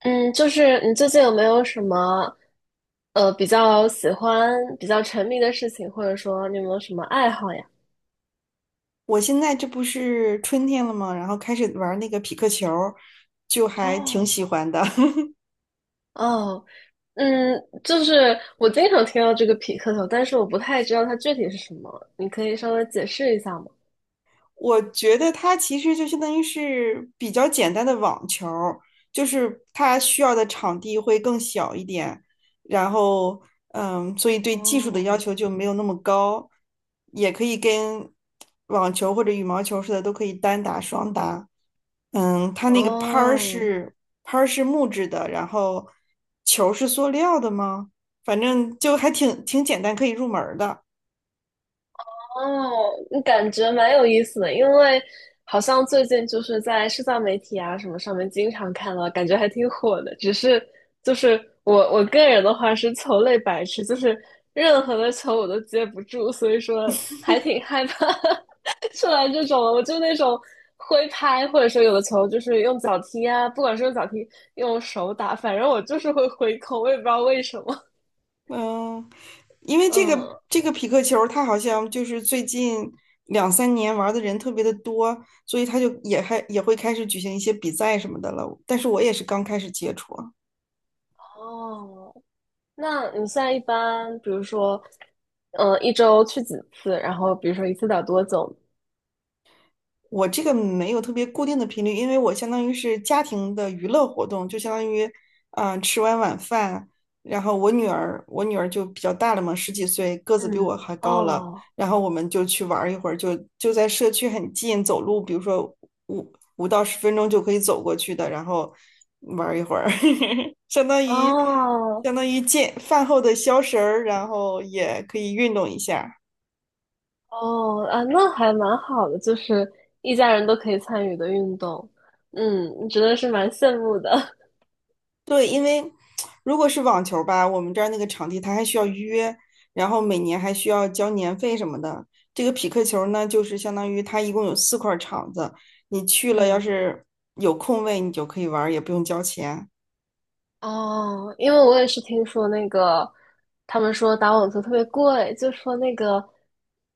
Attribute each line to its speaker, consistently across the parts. Speaker 1: 嗯，就是你最近有没有什么比较喜欢、比较沉迷的事情，或者说你有没有什么爱好呀？
Speaker 2: 我现在这不是春天了吗？然后开始玩那个匹克球儿就还挺
Speaker 1: 哦，
Speaker 2: 喜欢的。
Speaker 1: 哦，嗯，就是我经常听到这个匹克球，但是我不太知道它具体是什么，你可以稍微解释一下吗？
Speaker 2: 我觉得它其实就相当于是比较简单的网球儿就是它需要的场地会更小一点，然后所以对技术的要
Speaker 1: 哦，
Speaker 2: 求就没有那么高，也可以跟网球或者羽毛球似的，都可以单打、双打。它那个拍儿
Speaker 1: 哦，
Speaker 2: 是拍儿是木质的，然后球是塑料的吗？反正就还挺简单，可以入门儿的。
Speaker 1: 哦，感觉蛮有意思的，因为好像最近就是在社交媒体啊什么上面经常看到，感觉还挺火的。只是就是我个人的话是球类白痴，就是任何的球我都接不住，所以说还挺害怕 出来这种我就那种挥拍，或者说有的球就是用脚踢啊，不管是用脚踢用手打，反正我就是会挥空，我也不知道为什么。
Speaker 2: 嗯，因为这个
Speaker 1: 嗯，
Speaker 2: 这个匹克球，它好像就是最近两三年玩的人特别的多，所以它就也会开始举行一些比赛什么的了。但是我也是刚开始接触。
Speaker 1: 哦，那你现在一般，比如说，嗯、一周去几次？然后比如说一次打多久？
Speaker 2: 我这个没有特别固定的频率，因为我相当于是家庭的娱乐活动，就相当于，吃完晚饭，然后我女儿就比较大了嘛，十几岁，个子比
Speaker 1: 嗯，
Speaker 2: 我还高了，
Speaker 1: 哦，
Speaker 2: 然后我们就去玩儿一会儿，就在社区很近，走路，比如说五五到十分钟就可以走过去的，然后玩儿一会儿，相当于
Speaker 1: 哦，
Speaker 2: 相当于健饭后的消食儿，然后也可以运动一下。
Speaker 1: 哦，啊，那还蛮好的，就是一家人都可以参与的运动。嗯，真的是蛮羡慕的。
Speaker 2: 对，因为如果是网球吧，我们这儿那个场地它还需要预约，然后每年还需要交年费什么的。这个匹克球呢，就是相当于它一共有四块场子，你 去了要
Speaker 1: 嗯，
Speaker 2: 是有空位，你就可以玩儿也不用交钱。
Speaker 1: 哦，因为我也是听说那个，他们说打网球特别贵，就说那个，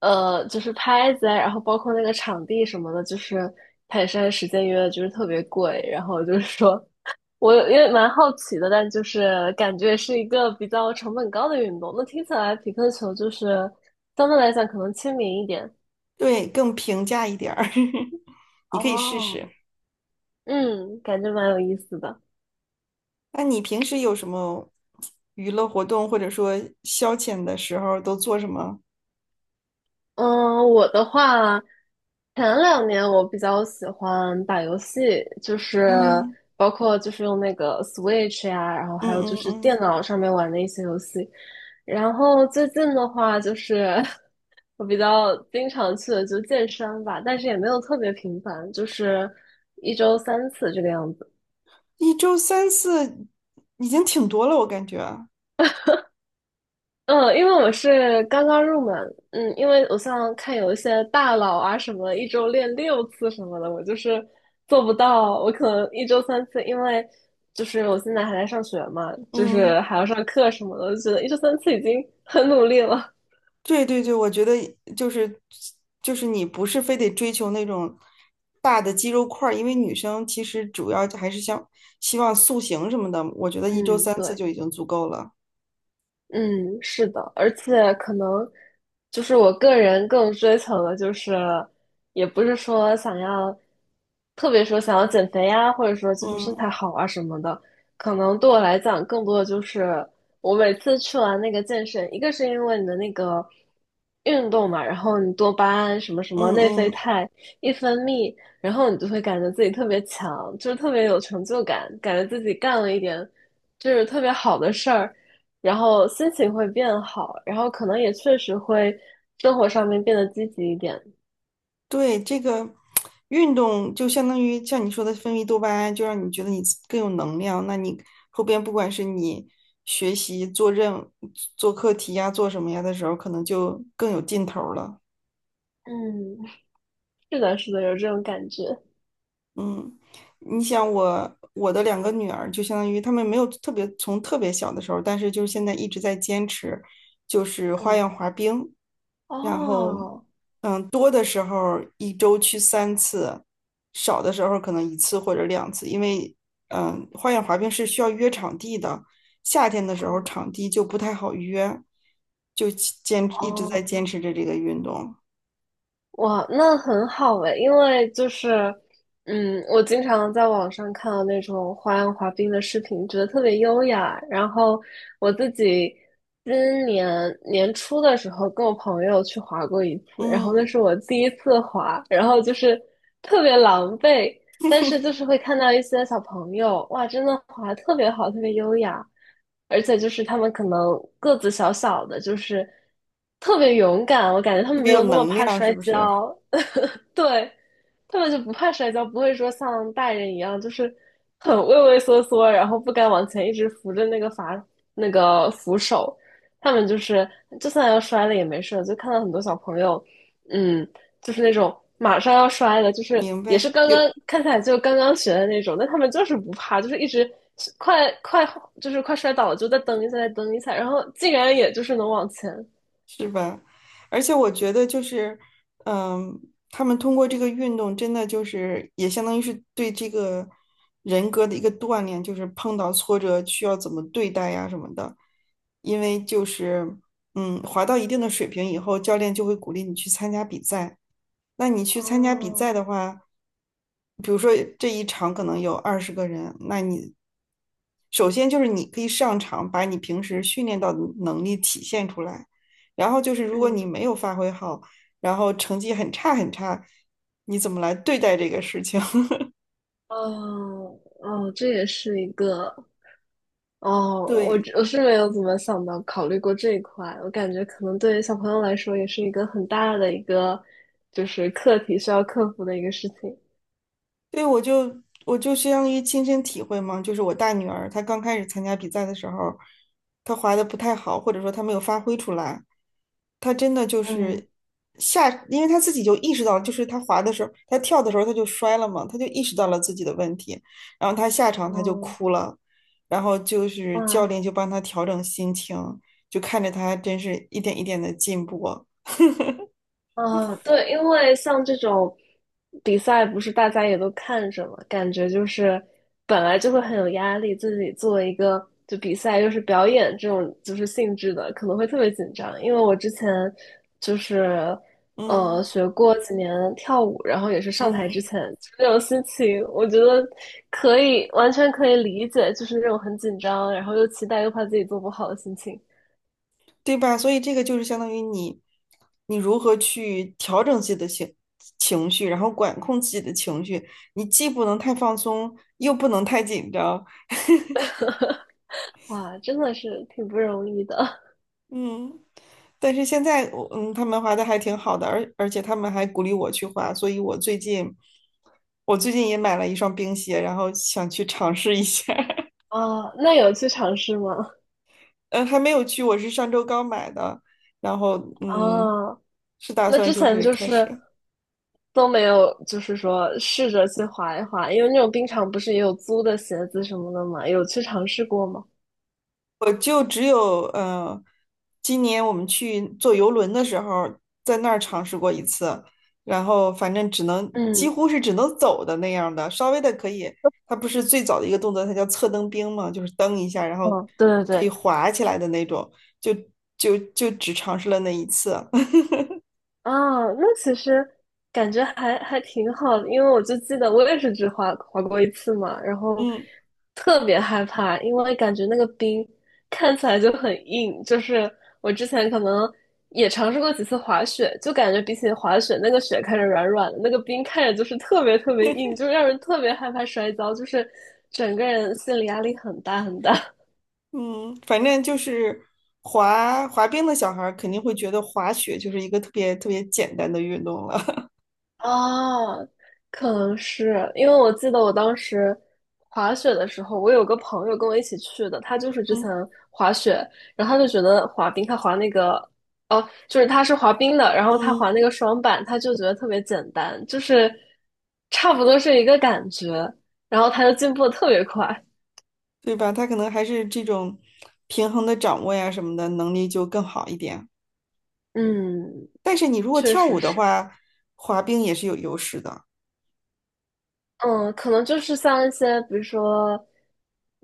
Speaker 1: 就是拍子啊然后包括那个场地什么的，就是它也是按时间约的，就是特别贵。然后就是说，我也蛮好奇的，但就是感觉是一个比较成本高的运动。那听起来匹克球就是相对来讲可能亲民一点。
Speaker 2: 对，更平价一点儿，你可以试试。
Speaker 1: 哦，嗯，感觉蛮有意思的。
Speaker 2: 那你平时有什么娱乐活动，或者说消遣的时候都做什么？
Speaker 1: 嗯，我的话，前两年我比较喜欢打游戏，就是
Speaker 2: 嗯
Speaker 1: 包括就是用那个 Switch 呀，然后
Speaker 2: 嗯
Speaker 1: 还有就
Speaker 2: 嗯
Speaker 1: 是
Speaker 2: 嗯，
Speaker 1: 电脑上面玩的一些游戏。然后最近的话，就是 我比较经常去的就健身吧，但是也没有特别频繁，就是一周三次这个样子。
Speaker 2: 一周三次已经挺多了，我感觉。
Speaker 1: 嗯，因为我是刚刚入门，嗯，因为我像看有一些大佬啊什么，一周练六次什么的，我就是做不到，我可能一周三次，因为就是我现在还在上学嘛，就
Speaker 2: 嗯。
Speaker 1: 是还要上课什么的，我就觉得一周三次已经很努力了。
Speaker 2: 对对对，我觉得就是就是你不是非得追求那种大的肌肉块儿，因为女生其实主要还是想希望塑形什么的，我觉得一周
Speaker 1: 嗯。
Speaker 2: 三次
Speaker 1: 对，
Speaker 2: 就已经足够了。
Speaker 1: 嗯，是的，而且可能就是我个人更追求的，就是也不是说想要，特别说想要减肥呀，或者说就是身材
Speaker 2: 嗯
Speaker 1: 好啊什么的，可能对我来讲，更多的就是我每次去完那个健身，一个是因为你的那个运动嘛，然后你多巴胺什么什
Speaker 2: 嗯
Speaker 1: 么内啡
Speaker 2: 嗯，
Speaker 1: 肽一分泌，然后你就会感觉自己特别强，就是特别有成就感，感觉自己干了一点就是特别好的事儿。然后心情会变好，然后可能也确实会生活上面变得积极一点。
Speaker 2: 对，这个运动就相当于像你说的分泌多巴胺，就让你觉得你更有能量。那你后边不管是你学习、做课题呀、做什么呀的时候，可能就更有劲头儿了。
Speaker 1: 嗯，是的，是的，有这种感觉。
Speaker 2: 嗯，你想我的两个女儿，就相当于她们没有特别从特别小的时候，但是就是现在一直在坚持，就是花
Speaker 1: 嗯，
Speaker 2: 样滑冰，然后
Speaker 1: 哦，
Speaker 2: 多的时候一周去三次，少的时候可能一次或者两次，因为花样滑冰是需要约场地的，夏天的时候
Speaker 1: 哦，
Speaker 2: 场地就不太好约，就一直在坚
Speaker 1: 哦，
Speaker 2: 持着这个运动。
Speaker 1: 哇，那很好诶，因为就是，嗯，我经常在网上看到那种花样滑冰的视频，觉得特别优雅。然后我自己今年年初的时候跟我朋友去滑过一次，然后那
Speaker 2: 嗯，
Speaker 1: 是我第一次滑，然后就是特别狼狈，但是就是会看到一些小朋友，哇，真的滑得特别好，特别优雅。而且就是他们可能个子小小的，就是特别勇敢，我感觉他
Speaker 2: 特
Speaker 1: 们
Speaker 2: 别
Speaker 1: 没
Speaker 2: 有
Speaker 1: 有那么
Speaker 2: 能
Speaker 1: 怕
Speaker 2: 量，是
Speaker 1: 摔
Speaker 2: 不是？
Speaker 1: 跤，对，他们就不怕摔跤，不会说像大人一样，就是很畏畏缩缩，然后不敢往前，一直扶着那个阀那个扶手，他们就是就算要摔了也没事，就看到很多小朋友，嗯。就是那种马上要摔了，就是
Speaker 2: 明
Speaker 1: 也
Speaker 2: 白，
Speaker 1: 是刚
Speaker 2: 有，
Speaker 1: 刚看起来就刚刚学的那种，但他们就是不怕，就是一直快快就是快摔倒了，就再蹬一下，再蹬一下，然后竟然也就是能往前。
Speaker 2: 是吧？而且我觉得就是，嗯，他们通过这个运动，真的就是也相当于是对这个人格的一个锻炼，就是碰到挫折需要怎么对待呀什么的。因为就是，滑到一定的水平以后，教练就会鼓励你去参加比赛。那你去参加比
Speaker 1: 哦，
Speaker 2: 赛的话，比如说这一场可能有20个人，那你首先就是你可以上场把你平时训练到的能力体现出来，然后就是如果你
Speaker 1: 嗯，
Speaker 2: 没有发挥好，然后成绩很差很差，你怎么来对待这个事情？
Speaker 1: 哦，哦，这也是一个。哦，我
Speaker 2: 对。
Speaker 1: 我是没有怎么想到考虑过这一块，我感觉可能对于小朋友来说也是一个很大的一个就是课题需要克服的一个事情。
Speaker 2: 对，我就相当于亲身体会嘛，就是我大女儿，她刚开始参加比赛的时候，她滑的不太好，或者说她没有发挥出来，她真的就
Speaker 1: 嗯，
Speaker 2: 是因为她自己就意识到了就是她滑的时候，她跳的时候她就摔了嘛，她就意识到了自己的问题，然后她下场她就
Speaker 1: 哦，
Speaker 2: 哭了，然后就是教
Speaker 1: 哇。
Speaker 2: 练就帮她调整心情，就看着她真是一点一点的进步，
Speaker 1: 啊，对，因为像这种比赛，不是大家也都看着嘛，感觉就是本来就会很有压力，自己作为一个就比赛又是表演这种就是性质的，可能会特别紧张。因为我之前就是
Speaker 2: 嗯
Speaker 1: 学过几年跳舞，然后也是上台之
Speaker 2: 嗯。
Speaker 1: 前就那种心情，我觉得可以完全可以理解，就是那种很紧张，然后又期待又怕自己做不好的心情。
Speaker 2: 对吧？所以这个就是相当于你，你如何去调整自己的情绪，然后管控自己的情绪。你既不能太放松，又不能太紧张。
Speaker 1: 哇，真的是挺不容易的。
Speaker 2: 嗯，但是现在他们滑的还挺好的，而且他们还鼓励我去滑，所以我最近，我最近也买了一双冰鞋，然后想去尝试一下。
Speaker 1: 哦，那有去尝试吗？
Speaker 2: 嗯，还没有去，我是上周刚买的，然后
Speaker 1: 哦，
Speaker 2: 是打
Speaker 1: 那
Speaker 2: 算
Speaker 1: 之
Speaker 2: 就
Speaker 1: 前
Speaker 2: 是
Speaker 1: 就
Speaker 2: 开
Speaker 1: 是
Speaker 2: 始。
Speaker 1: 都没有，就是说试着去滑一滑，因为那种冰场不是也有租的鞋子什么的嘛，有去尝试过吗？
Speaker 2: 我就只有今年我们去坐游轮的时候，在那儿尝试过一次，然后反正只能几
Speaker 1: 嗯，
Speaker 2: 乎是只能走的那样的，稍微的可以。它不是最早的一个动作，它叫侧蹬冰嘛，就是蹬一下，然后
Speaker 1: 哦，对对
Speaker 2: 可以
Speaker 1: 对，
Speaker 2: 滑起来的那种，就就只尝试了那一次。
Speaker 1: 啊，那其实感觉还挺好的，因为我就记得我也是只滑过一次嘛，然后
Speaker 2: 嗯
Speaker 1: 特别害怕，因为感觉那个冰看起来就很硬，就是我之前可能也尝试过几次滑雪，就感觉比起滑雪，那个雪看着软软的，那个冰看着就是特别特别硬，就让人特别害怕摔跤，就是整个人心理压力很大很大。
Speaker 2: 嗯，反正就是滑滑冰的小孩儿肯定会觉得滑雪就是一个特别特别简单的运动了。
Speaker 1: 哦，可能是因为我记得我当时滑雪的时候，我有个朋友跟我一起去的，他就是 之前
Speaker 2: 嗯
Speaker 1: 滑雪，然后他就觉得滑冰，他滑那个，哦，就是他是滑冰的，然后他
Speaker 2: 嗯。
Speaker 1: 滑那个双板，他就觉得特别简单，就是差不多是一个感觉，然后他就进步的特别快。
Speaker 2: 对吧？他可能还是这种平衡的掌握呀什么的能力就更好一点。
Speaker 1: 嗯，
Speaker 2: 但是你如果
Speaker 1: 确
Speaker 2: 跳
Speaker 1: 实
Speaker 2: 舞的
Speaker 1: 是。
Speaker 2: 话，滑冰也是有优势的。
Speaker 1: 嗯，可能就是像一些，比如说，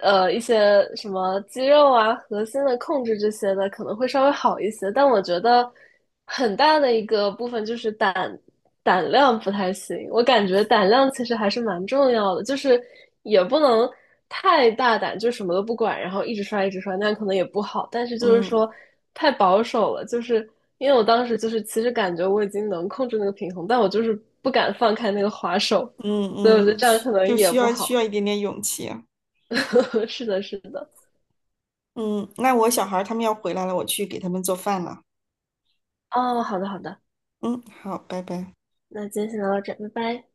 Speaker 1: 一些什么肌肉啊、核心的控制这些的，可能会稍微好一些。但我觉得很大的一个部分就是胆量不太行。我感觉胆量其实还是蛮重要的，就是也不能太大胆，就什么都不管，然后一直刷一直刷，那样可能也不好。但是就是
Speaker 2: 嗯
Speaker 1: 说太保守了，就是因为我当时就是其实感觉我已经能控制那个平衡，但我就是不敢放开那个滑手。所以我觉
Speaker 2: 嗯
Speaker 1: 得这样可
Speaker 2: 需
Speaker 1: 能
Speaker 2: 就
Speaker 1: 也
Speaker 2: 需
Speaker 1: 不
Speaker 2: 要需要
Speaker 1: 好。
Speaker 2: 一点点勇气啊。
Speaker 1: 是的，是的。
Speaker 2: 嗯，那我小孩儿他们要回来了，我去给他们做饭了。
Speaker 1: 哦，好的，好的，
Speaker 2: 嗯，好，拜拜。
Speaker 1: 那今天先聊到这，拜拜。